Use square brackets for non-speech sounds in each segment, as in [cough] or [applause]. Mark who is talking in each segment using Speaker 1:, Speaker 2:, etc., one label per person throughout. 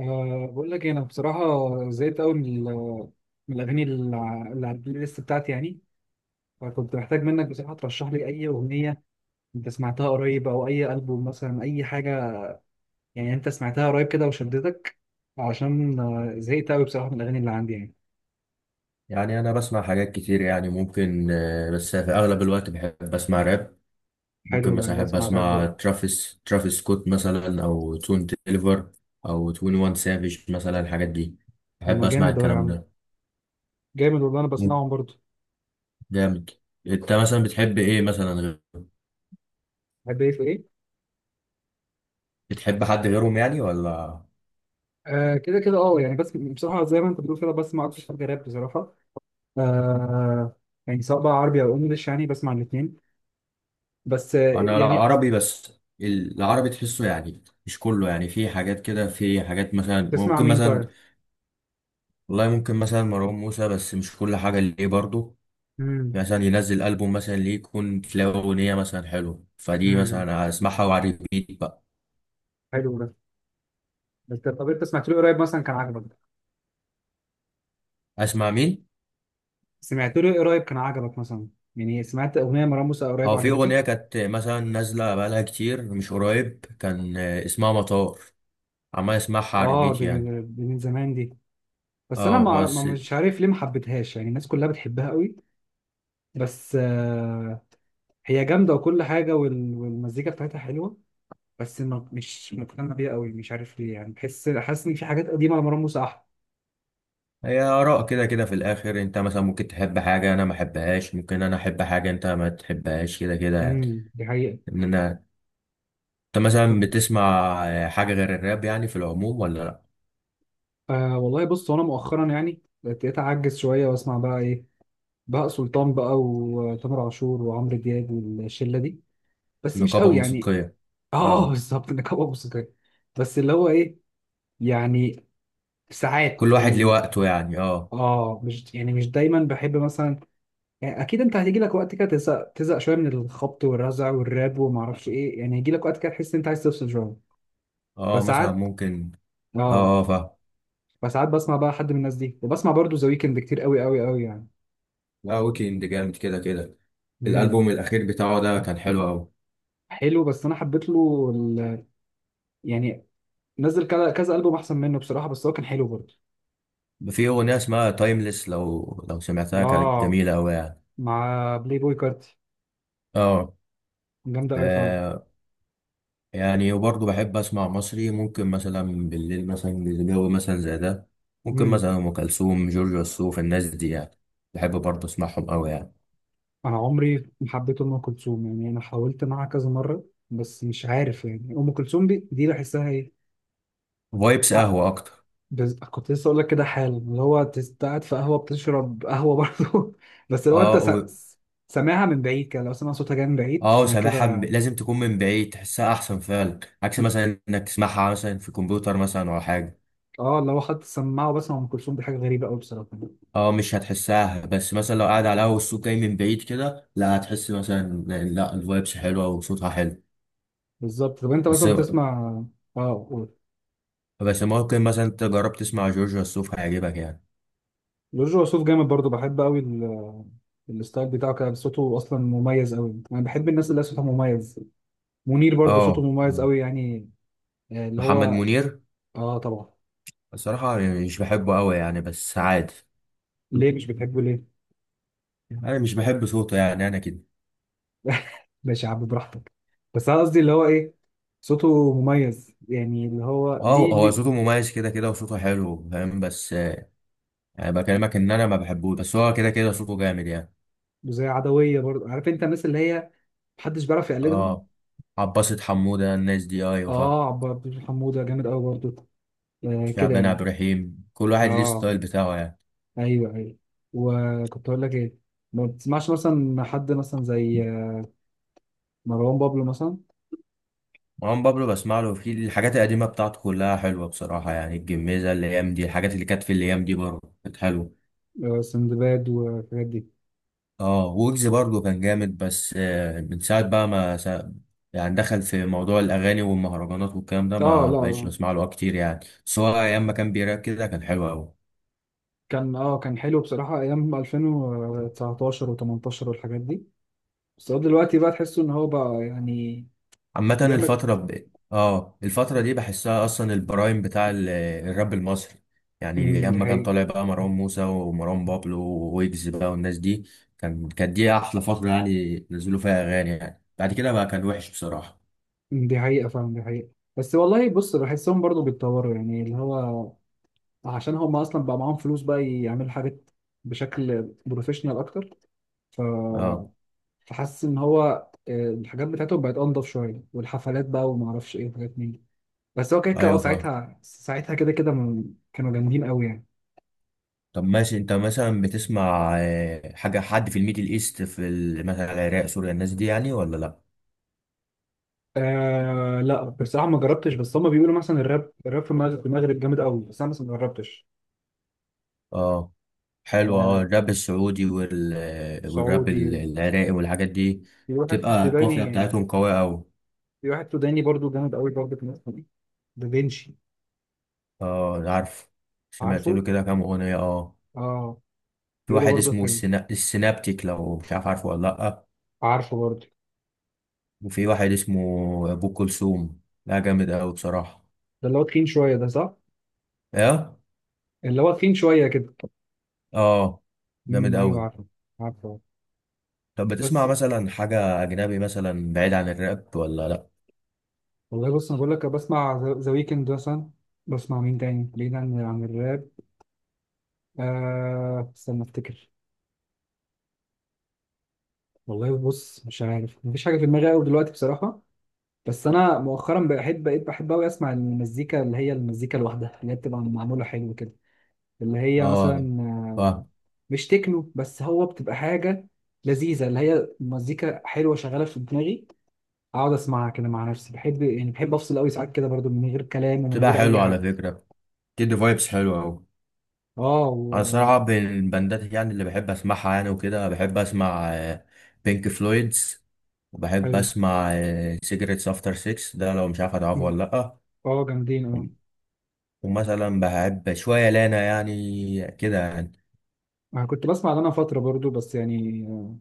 Speaker 1: بقول لك إيه، انا بصراحه زهقت قوي من الاغاني اللي على البلاي ليست بتاعتي يعني. فكنت محتاج منك بصراحه ترشح لي اي اغنيه انت سمعتها قريب او اي البوم مثلا اي حاجه، يعني انت سمعتها قريب كده وشدتك. عشان زهقت قوي بصراحه من الاغاني اللي عندي يعني.
Speaker 2: يعني انا بسمع حاجات كتير يعني ممكن بس في اغلب الوقت بحب اسمع راب. ممكن
Speaker 1: حلو ده،
Speaker 2: مثلا
Speaker 1: انا
Speaker 2: احب
Speaker 1: بسمع راب
Speaker 2: اسمع
Speaker 1: ده.
Speaker 2: ترافيس سكوت مثلا او تون تيليفر او 21 سافيج مثلا الحاجات دي.
Speaker 1: طب
Speaker 2: بحب
Speaker 1: ما
Speaker 2: اسمع
Speaker 1: جامد اهو يا
Speaker 2: الكلام
Speaker 1: عم،
Speaker 2: ده.
Speaker 1: جامد والله انا
Speaker 2: مم،
Speaker 1: بسمعهم برضه.
Speaker 2: جامد. انت مثلا بتحب ايه مثلا
Speaker 1: بحب ايه في ايه؟
Speaker 2: بتحب حد غيرهم يعني ولا؟
Speaker 1: آه كده كده اه يعني، بس بصراحه زي ما انت بتقول كده بسمع اكتر حاجه راب بصراحه. آه. يعني سواء بقى عربي او انجلش يعني بسمع الاثنين، بس
Speaker 2: انا لا
Speaker 1: يعني.
Speaker 2: عربي بس. العربي تحسه يعني مش كله، يعني في حاجات كده، في حاجات مثلا
Speaker 1: تسمع
Speaker 2: ممكن
Speaker 1: مين
Speaker 2: مثلا.
Speaker 1: طيب؟
Speaker 2: والله ممكن مثلا مروان موسى، بس مش كل حاجة ليه برضه.
Speaker 1: امم
Speaker 2: مثلا ينزل ألبوم مثلا ليه، يكون تلاقي أغنية مثلا حلوة فدي،
Speaker 1: امم،
Speaker 2: مثلا أسمعها وعلى الريبيت بقى.
Speaker 1: حلو ده. بس طب انت سمعت له إيه قريب مثلا كان عجبك؟
Speaker 2: أسمع مين؟
Speaker 1: سمعت له إيه قريب كان عجبك مثلا، يعني سمعت اغنيه مروان موسى قريب
Speaker 2: هو في أغنية
Speaker 1: عجبتك؟
Speaker 2: كانت مثلا نازلة بقالها كتير مش قريب، كان اسمها مطار. عمال أسمعها على
Speaker 1: اه
Speaker 2: الريبيت
Speaker 1: دي،
Speaker 2: يعني.
Speaker 1: من زمان دي. بس انا
Speaker 2: اه بس.
Speaker 1: مش عارف ليه ما حبيتهاش، يعني الناس كلها بتحبها قوي. بس آه، هي جامده وكل حاجه والمزيكا بتاعتها حلوه، بس ما مش مقتنع بيها قوي، مش عارف ليه يعني. بحس حاسس ان في حاجات قديمه لمروان موسى احلى.
Speaker 2: هي آراء، كده كده في الآخر. أنت مثلا ممكن تحب حاجة أنا ما أحبهاش، ممكن أنا أحب حاجة أنت ما تحبهاش، كده كده يعني.
Speaker 1: امم، دي حقيقه.
Speaker 2: إن أنا أنت مثلا
Speaker 1: طب،
Speaker 2: بتسمع حاجة غير الراب يعني في العموم ولا لأ؟
Speaker 1: آه والله بص انا مؤخرا يعني بقيت اعجز شويه واسمع بقى ايه، بهاء سلطان بقى وتامر عاشور وعمرو دياب والشله دي. بس مش
Speaker 2: نقابة
Speaker 1: قوي يعني.
Speaker 2: موسيقية.
Speaker 1: [laughs] اه
Speaker 2: اه.
Speaker 1: بالظبط، نقابه موسيقيه. بس اللي هو ايه يعني، ساعات
Speaker 2: كل واحد ليه
Speaker 1: اللي
Speaker 2: وقته يعني. اه
Speaker 1: اه مش يعني مش دايما بحب مثلا. يعني اكيد انت هتيجي لك وقت كده تزهق شويه من الخبط والرزع والراب وما اعرفش ايه، يعني هيجي لك وقت كده تحس ان انت عايز تفصل شويه.
Speaker 2: اه مثلا
Speaker 1: فساعات
Speaker 2: ممكن.
Speaker 1: اه،
Speaker 2: اه اه فاهم.
Speaker 1: فساعات بسمع بقى حد من الناس دي، وبسمع برضو ذا ويكند كتير قوي قوي قوي يعني.
Speaker 2: لا، ويكند جامد كده كده.
Speaker 1: مم.
Speaker 2: الالبوم الاخير بتاعه ده كان حلو قوي.
Speaker 1: حلو، بس انا حبيت له ال... يعني نزل كذا كذا البوم احسن منه بصراحه، بس هو كان حلو برضه.
Speaker 2: في اغنيه اسمها تايمليس، لو سمعتها كانت
Speaker 1: اه،
Speaker 2: جميله قوي يعني.
Speaker 1: مع بلاي بوي كارتي،
Speaker 2: اه.
Speaker 1: جامده قوي فعلا.
Speaker 2: ف- يعني وبرضه بحب اسمع مصري. ممكن مثلا بالليل مثلا، الجو مثلا زي ده، ممكن
Speaker 1: امم.
Speaker 2: مثلا ام كلثوم، جورج وسوف، الناس دي يعني. بحب برضه اسمعهم قوي يعني.
Speaker 1: انا عمري ما حبيت ام كلثوم يعني، انا حاولت معاها كذا مره بس مش عارف يعني. ام كلثوم دي بحسها ايه.
Speaker 2: فايبس
Speaker 1: ع-
Speaker 2: قهوه اكتر.
Speaker 1: كنت لسه اقول لك كده حال اللي هو قاعد في قهوه بتشرب قهوه برضه. [laughs] بس لو انت
Speaker 2: اه.
Speaker 1: سامعها من بعيد كده، لو سمع صوتها جاي من بعيد
Speaker 2: اه
Speaker 1: انا كده.
Speaker 2: لازم تكون من بعيد تحسها احسن فعلا، عكس مثلا انك تسمعها مثلا في كمبيوتر مثلا ولا حاجه.
Speaker 1: اه لو خدت السماعه وبسمع ام كلثوم دي حاجه غريبه قوي بصراحه.
Speaker 2: اه مش هتحسها، بس مثلا لو قاعد على اول، الصوت جاي من بعيد كده، لا هتحس مثلا. لا الفايبس حلوه وصوتها حلو.
Speaker 1: بالظبط. طب انت
Speaker 2: بس.
Speaker 1: مثلا بتسمع؟ اه قول.
Speaker 2: بس ممكن مثلا انت جرب تسمع جورج وسوف، هيعجبك يعني.
Speaker 1: جورج وسوف جامد برضو، بحب قوي ال... الستايل بتاعه كده، صوته اصلا مميز قوي، انا بحب الناس اللي صوتها مميز. منير برضو صوته
Speaker 2: اه
Speaker 1: مميز قوي يعني. آه، اللي
Speaker 2: محمد
Speaker 1: هو.
Speaker 2: منير.
Speaker 1: اه طبعا.
Speaker 2: الصراحه يعني مش بحبه قوي يعني، بس عادي.
Speaker 1: ليه مش بتحبه ليه؟
Speaker 2: انا مش بحب صوته يعني، انا كده.
Speaker 1: [laughs] ماشي يا عم براحتك. بس انا قصدي اللي هو ايه، صوته مميز يعني، اللي هو
Speaker 2: اه
Speaker 1: ليه
Speaker 2: هو صوته
Speaker 1: ليه.
Speaker 2: مميز كده كده، وصوته حلو فاهم، بس يعني بكلمك ان انا ما بحبوش، بس هو كده كده صوته جامد يعني.
Speaker 1: زي عدوية برضو، عارف انت الناس اللي هي محدش بيعرف يقلدهم.
Speaker 2: اه عباسة حمودة الناس دي، ايوه فا.
Speaker 1: اه، عبد الحميد حمودة جامد قوي برضو. آه كده
Speaker 2: شعبان عبد
Speaker 1: يعني.
Speaker 2: الرحيم، كل واحد ليه
Speaker 1: اه
Speaker 2: ستايل بتاعه يعني.
Speaker 1: ايوه ايوه. وكنت اقول لك ايه، ما بتسمعش مثلا حد مثلا زي مروان بابلو مثلا؟
Speaker 2: مروان بابلو بسمع له. في الحاجات القديمة بتاعته كلها حلوة بصراحة يعني. الجميزة، الأيام دي، الحاجات اللي كانت في الأيام دي برضه كانت حلوة.
Speaker 1: آه، سندباد والحاجات دي.
Speaker 2: اه ويجز برضه كان جامد، بس من ساعة بقى ما سا... يعني دخل في موضوع الأغاني والمهرجانات والكلام ده،
Speaker 1: اه
Speaker 2: ما
Speaker 1: لا
Speaker 2: بقتش
Speaker 1: لا.
Speaker 2: بسمع له كتير يعني. بس هو أيام ما كان بيراك كده كان حلو أوي.
Speaker 1: كان اه كان حلو بصراحة، ايام 2019 و18 والحاجات دي. بس هو دلوقتي بقى تحسه ان هو بقى يعني
Speaker 2: عامة
Speaker 1: بيعمل.
Speaker 2: اه الفترة دي بحسها اصلا البرايم بتاع الراب المصري. يعني
Speaker 1: مم، دي
Speaker 2: اما كان
Speaker 1: حقيقة.
Speaker 2: طالع بقى مروان موسى ومروان بابلو وويجز بقى والناس دي، كانت دي احلى فترة يعني، نزلوا فيها اغاني يعني. بعد كده بقى كان وحش بصراحة.
Speaker 1: مم، دي حقيقة فعلا، دي حقيقة. بس والله بص بحسهم برضو بيتطوروا، يعني اللي هو عشان هم اصلا بقى معاهم فلوس بقى يعملوا حاجات بشكل بروفيشنال اكتر، ف
Speaker 2: اه
Speaker 1: فحاسس ان هو آه، الحاجات بتاعته بقت انضف شويه، والحفلات بقى وما اعرفش ايه وحاجات من دي. بس هو كده كده اه
Speaker 2: ايوه فاهم.
Speaker 1: ساعتها ساعتها كده كده كانوا جامدين قوي يعني.
Speaker 2: طب ماشي، انت مثلا بتسمع حاجة حد في الميدل ايست، في مثلا العراق، سوريا، الناس دي يعني ولا لا؟
Speaker 1: آه لا بصراحه ما جربتش، بس هم بيقولوا مثلا الراب في المغرب جامد قوي، بس انا مثلا ما جربتش.
Speaker 2: اه حلو. اه
Speaker 1: آه
Speaker 2: الراب السعودي وال... والراب
Speaker 1: سعودي.
Speaker 2: العراقي والحاجات دي،
Speaker 1: في واحد
Speaker 2: تبقى القافية
Speaker 1: سوداني.
Speaker 2: بتاعتهم قوية أوي.
Speaker 1: في واحد سوداني برضو جامد قوي برضو في مصر دي، دافينشي.
Speaker 2: اه عارف. سمعت
Speaker 1: عارفه؟
Speaker 2: له كده كام أغنية اه.
Speaker 1: اه
Speaker 2: في
Speaker 1: بيقولوا
Speaker 2: واحد
Speaker 1: برضو
Speaker 2: اسمه
Speaker 1: حلو،
Speaker 2: السينابتيك، لو مش عارف، عارفه ولا لأ؟
Speaker 1: عارفه برضو.
Speaker 2: وفي واحد اسمه أبو كلثوم، لا جامد أوي بصراحة.
Speaker 1: ده اللي هو تخين شويه ده، صح؟
Speaker 2: ايه.
Speaker 1: اللي هو تخين شويه كده.
Speaker 2: اه جامد
Speaker 1: ايوه
Speaker 2: أوي.
Speaker 1: عارفه، عارفه.
Speaker 2: طب بتسمع
Speaker 1: بس
Speaker 2: مثلا حاجة أجنبي مثلا بعيد عن الراب ولا لأ؟
Speaker 1: والله بص انا بقول لك بسمع ذا ويكند مثلا. بسمع مين تاني بعيد عن الراب؟ آه استنى افتكر. والله بص مش عارف، مفيش حاجه في دماغي قوي دلوقتي بصراحه. بس انا مؤخرا بقيت بحب قوي اسمع المزيكا اللي هي المزيكا الواحده اللي هي بتبقى معموله حلو كده. اللي هي
Speaker 2: اه
Speaker 1: مثلا آه،
Speaker 2: فاهم.
Speaker 1: مش تكنو، بس هو بتبقى حاجه لذيذه اللي هي مزيكا حلوه شغاله في دماغي. اقعد اسمعها كده مع نفسي بحب، يعني بحب افصل قوي ساعات كده برضو من غير كلام ومن
Speaker 2: بتبقى
Speaker 1: غير اي
Speaker 2: حلوة على
Speaker 1: حاجه.
Speaker 2: فكرة، بتدي فايبس حلوة أوي.
Speaker 1: اه
Speaker 2: انا
Speaker 1: و...
Speaker 2: الصراحه بين البندات يعني اللي بحب اسمعها يعني وكده، بحب اسمع بينك فلويدز، وبحب
Speaker 1: حلو.
Speaker 2: اسمع سيجرتس افتر 6 ده، لو مش عارف هتعرفه
Speaker 1: مم.
Speaker 2: ولا لا.
Speaker 1: اه جامدين اه.
Speaker 2: ومثلا بحب شويه لانا يعني كده يعني.
Speaker 1: انا كنت بسمع لنا فترة برضو، بس يعني آه،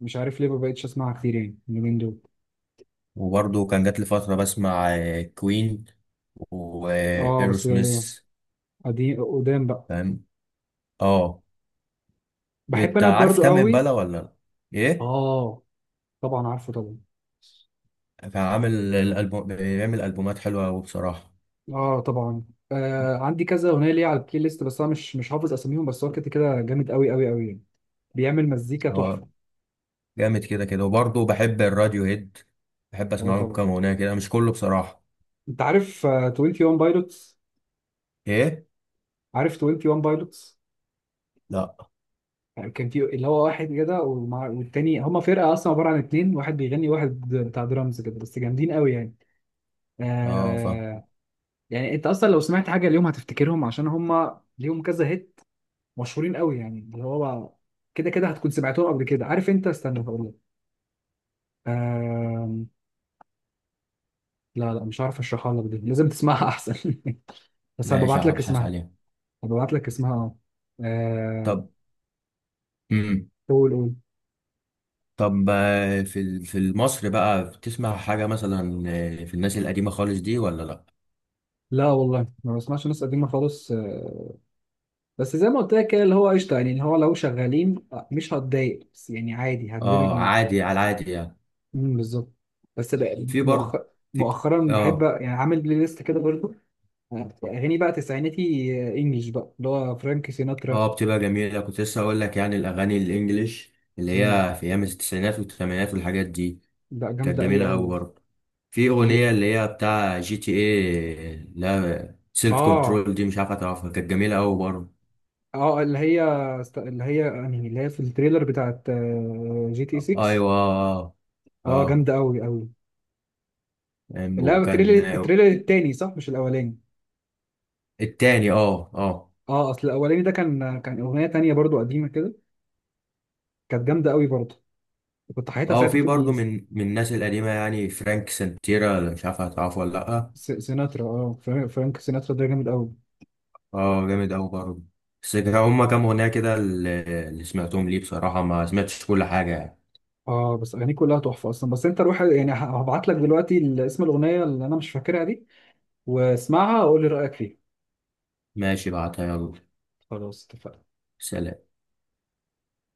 Speaker 1: مش عارف ليه ما بقتش اسمعها كتير يعني اليومين دول.
Speaker 2: وبرضه كان جات لي فتره بسمع كوين
Speaker 1: اه
Speaker 2: وايرو
Speaker 1: بس آه،
Speaker 2: سميث.
Speaker 1: قديم قدام بقى.
Speaker 2: فاهم. اه.
Speaker 1: بحب
Speaker 2: انت
Speaker 1: انا
Speaker 2: عارف
Speaker 1: برضو
Speaker 2: تامن
Speaker 1: قوي.
Speaker 2: امبالا ولا لا؟ ايه.
Speaker 1: اه طبعا، عارفه طبعا.
Speaker 2: كان عامل الالبوم، بيعمل البومات حلوه قوي بصراحه.
Speaker 1: اه طبعا. آه عندي كذا اغنيه ليه على البلاي ليست، بس انا مش حافظ اساميهم، بس هو كده كده جامد قوي قوي قوي يعني. بيعمل مزيكا
Speaker 2: هو
Speaker 1: تحفه.
Speaker 2: جامد كده كده. وبرضه بحب الراديو هيد، بحب
Speaker 1: اه
Speaker 2: اسمع لهم
Speaker 1: طبعا.
Speaker 2: كام اغنيه كده مش كله بصراحه.
Speaker 1: انت عارف آه، 21 بايلوتس؟
Speaker 2: ايه.
Speaker 1: عارف 21 بايلوتس؟
Speaker 2: لا.
Speaker 1: يعني كان في اللي هو واحد كده والتاني هما فرقة أصلا عبارة عن اتنين، واحد بيغني واحد بتاع درامز كده، بس جامدين قوي يعني.
Speaker 2: اه فا.
Speaker 1: آه. يعني أنت أصلا لو سمعت حاجة اليوم هتفتكرهم، عشان هما ليهم كذا هيت، مشهورين قوي يعني. اللي هو كده كده هتكون سمعتهم قبل كده. عارف أنت، استنى هقول لك. آه. لا لا مش عارف أشرحها لك، دي لازم تسمعها أحسن. [laughs] بس
Speaker 2: ماشي
Speaker 1: هبعت لك
Speaker 2: هبحث
Speaker 1: اسمها.
Speaker 2: عليها.
Speaker 1: هبعت لك اسمها اه. آه،
Speaker 2: طب. امم.
Speaker 1: قول قول.
Speaker 2: طب في في مصر بقى بتسمع حاجه مثلا في الناس القديمه خالص دي ولا لا؟
Speaker 1: لا والله ما بسمعش ناس قديمة خالص آه، بس زي ما قلت لك كده اللي هو قشطه يعني، اللي هو لو شغالين مش هتضايق، بس يعني عادي هندمج
Speaker 2: اه
Speaker 1: معاهم.
Speaker 2: عادي على العادي يعني.
Speaker 1: بالظبط. بس بقى
Speaker 2: في برضه.
Speaker 1: مؤخر،
Speaker 2: في.
Speaker 1: مؤخرا بحب
Speaker 2: اه.
Speaker 1: يعني عامل بلاي ليست كده برضه. آه، اغاني بقى تسعيناتي انجلش بقى اللي هو فرانك سيناترا.
Speaker 2: اه بتبقى جميله، كنت لسه اقول لك يعني الاغاني الانجليش اللي
Speaker 1: امم.
Speaker 2: هي في ايام التسعينات والثمانينات والحاجات دي
Speaker 1: لا
Speaker 2: كانت
Speaker 1: جامده قوي
Speaker 2: جميله قوي
Speaker 1: قوي.
Speaker 2: برضه. في
Speaker 1: ليه.
Speaker 2: اغنيه اللي هي بتاع جي تي ايه، لا سيلف
Speaker 1: اه
Speaker 2: كنترول دي، مش عارف هتعرفها، كانت جميله قوي برضه.
Speaker 1: اه اللي هي، اللي هي يعني اللي هي في التريلر بتاعت آه، جي تي 6.
Speaker 2: ايوه اه.
Speaker 1: اه
Speaker 2: اه
Speaker 1: جامده قوي قوي. لا التريلر،
Speaker 2: وكان.
Speaker 1: التريلر التاني صح مش الاولاني.
Speaker 2: التاني اه اه.
Speaker 1: اه اصل الاولاني ده كان اغنيه تانية برضو قديمه كده، كانت جامده قوي برضه. كنت حياتها
Speaker 2: اه
Speaker 1: ساعتها
Speaker 2: وفي
Speaker 1: في
Speaker 2: برضه من الناس القديمه يعني فرانك سنتيرا، مش عارف هتعرفه ولا لا؟
Speaker 1: سيناترا. اه فرانك سيناترا ده جامد قوي.
Speaker 2: اه جامد قوي برضه. بس كان هما كام اغنيه كده اللي اللي سمعتهم ليه، بصراحه ما سمعتش كل حاجه يعني.
Speaker 1: اه بس اغانيه كلها تحفه اصلا. بس انت روح يعني، هبعت لك دلوقتي اسم الاغنيه اللي انا مش فاكرها دي، واسمعها وقول لي رايك فيها.
Speaker 2: ماشي بعتها يلا.
Speaker 1: خلاص اتفقنا.
Speaker 2: سلام.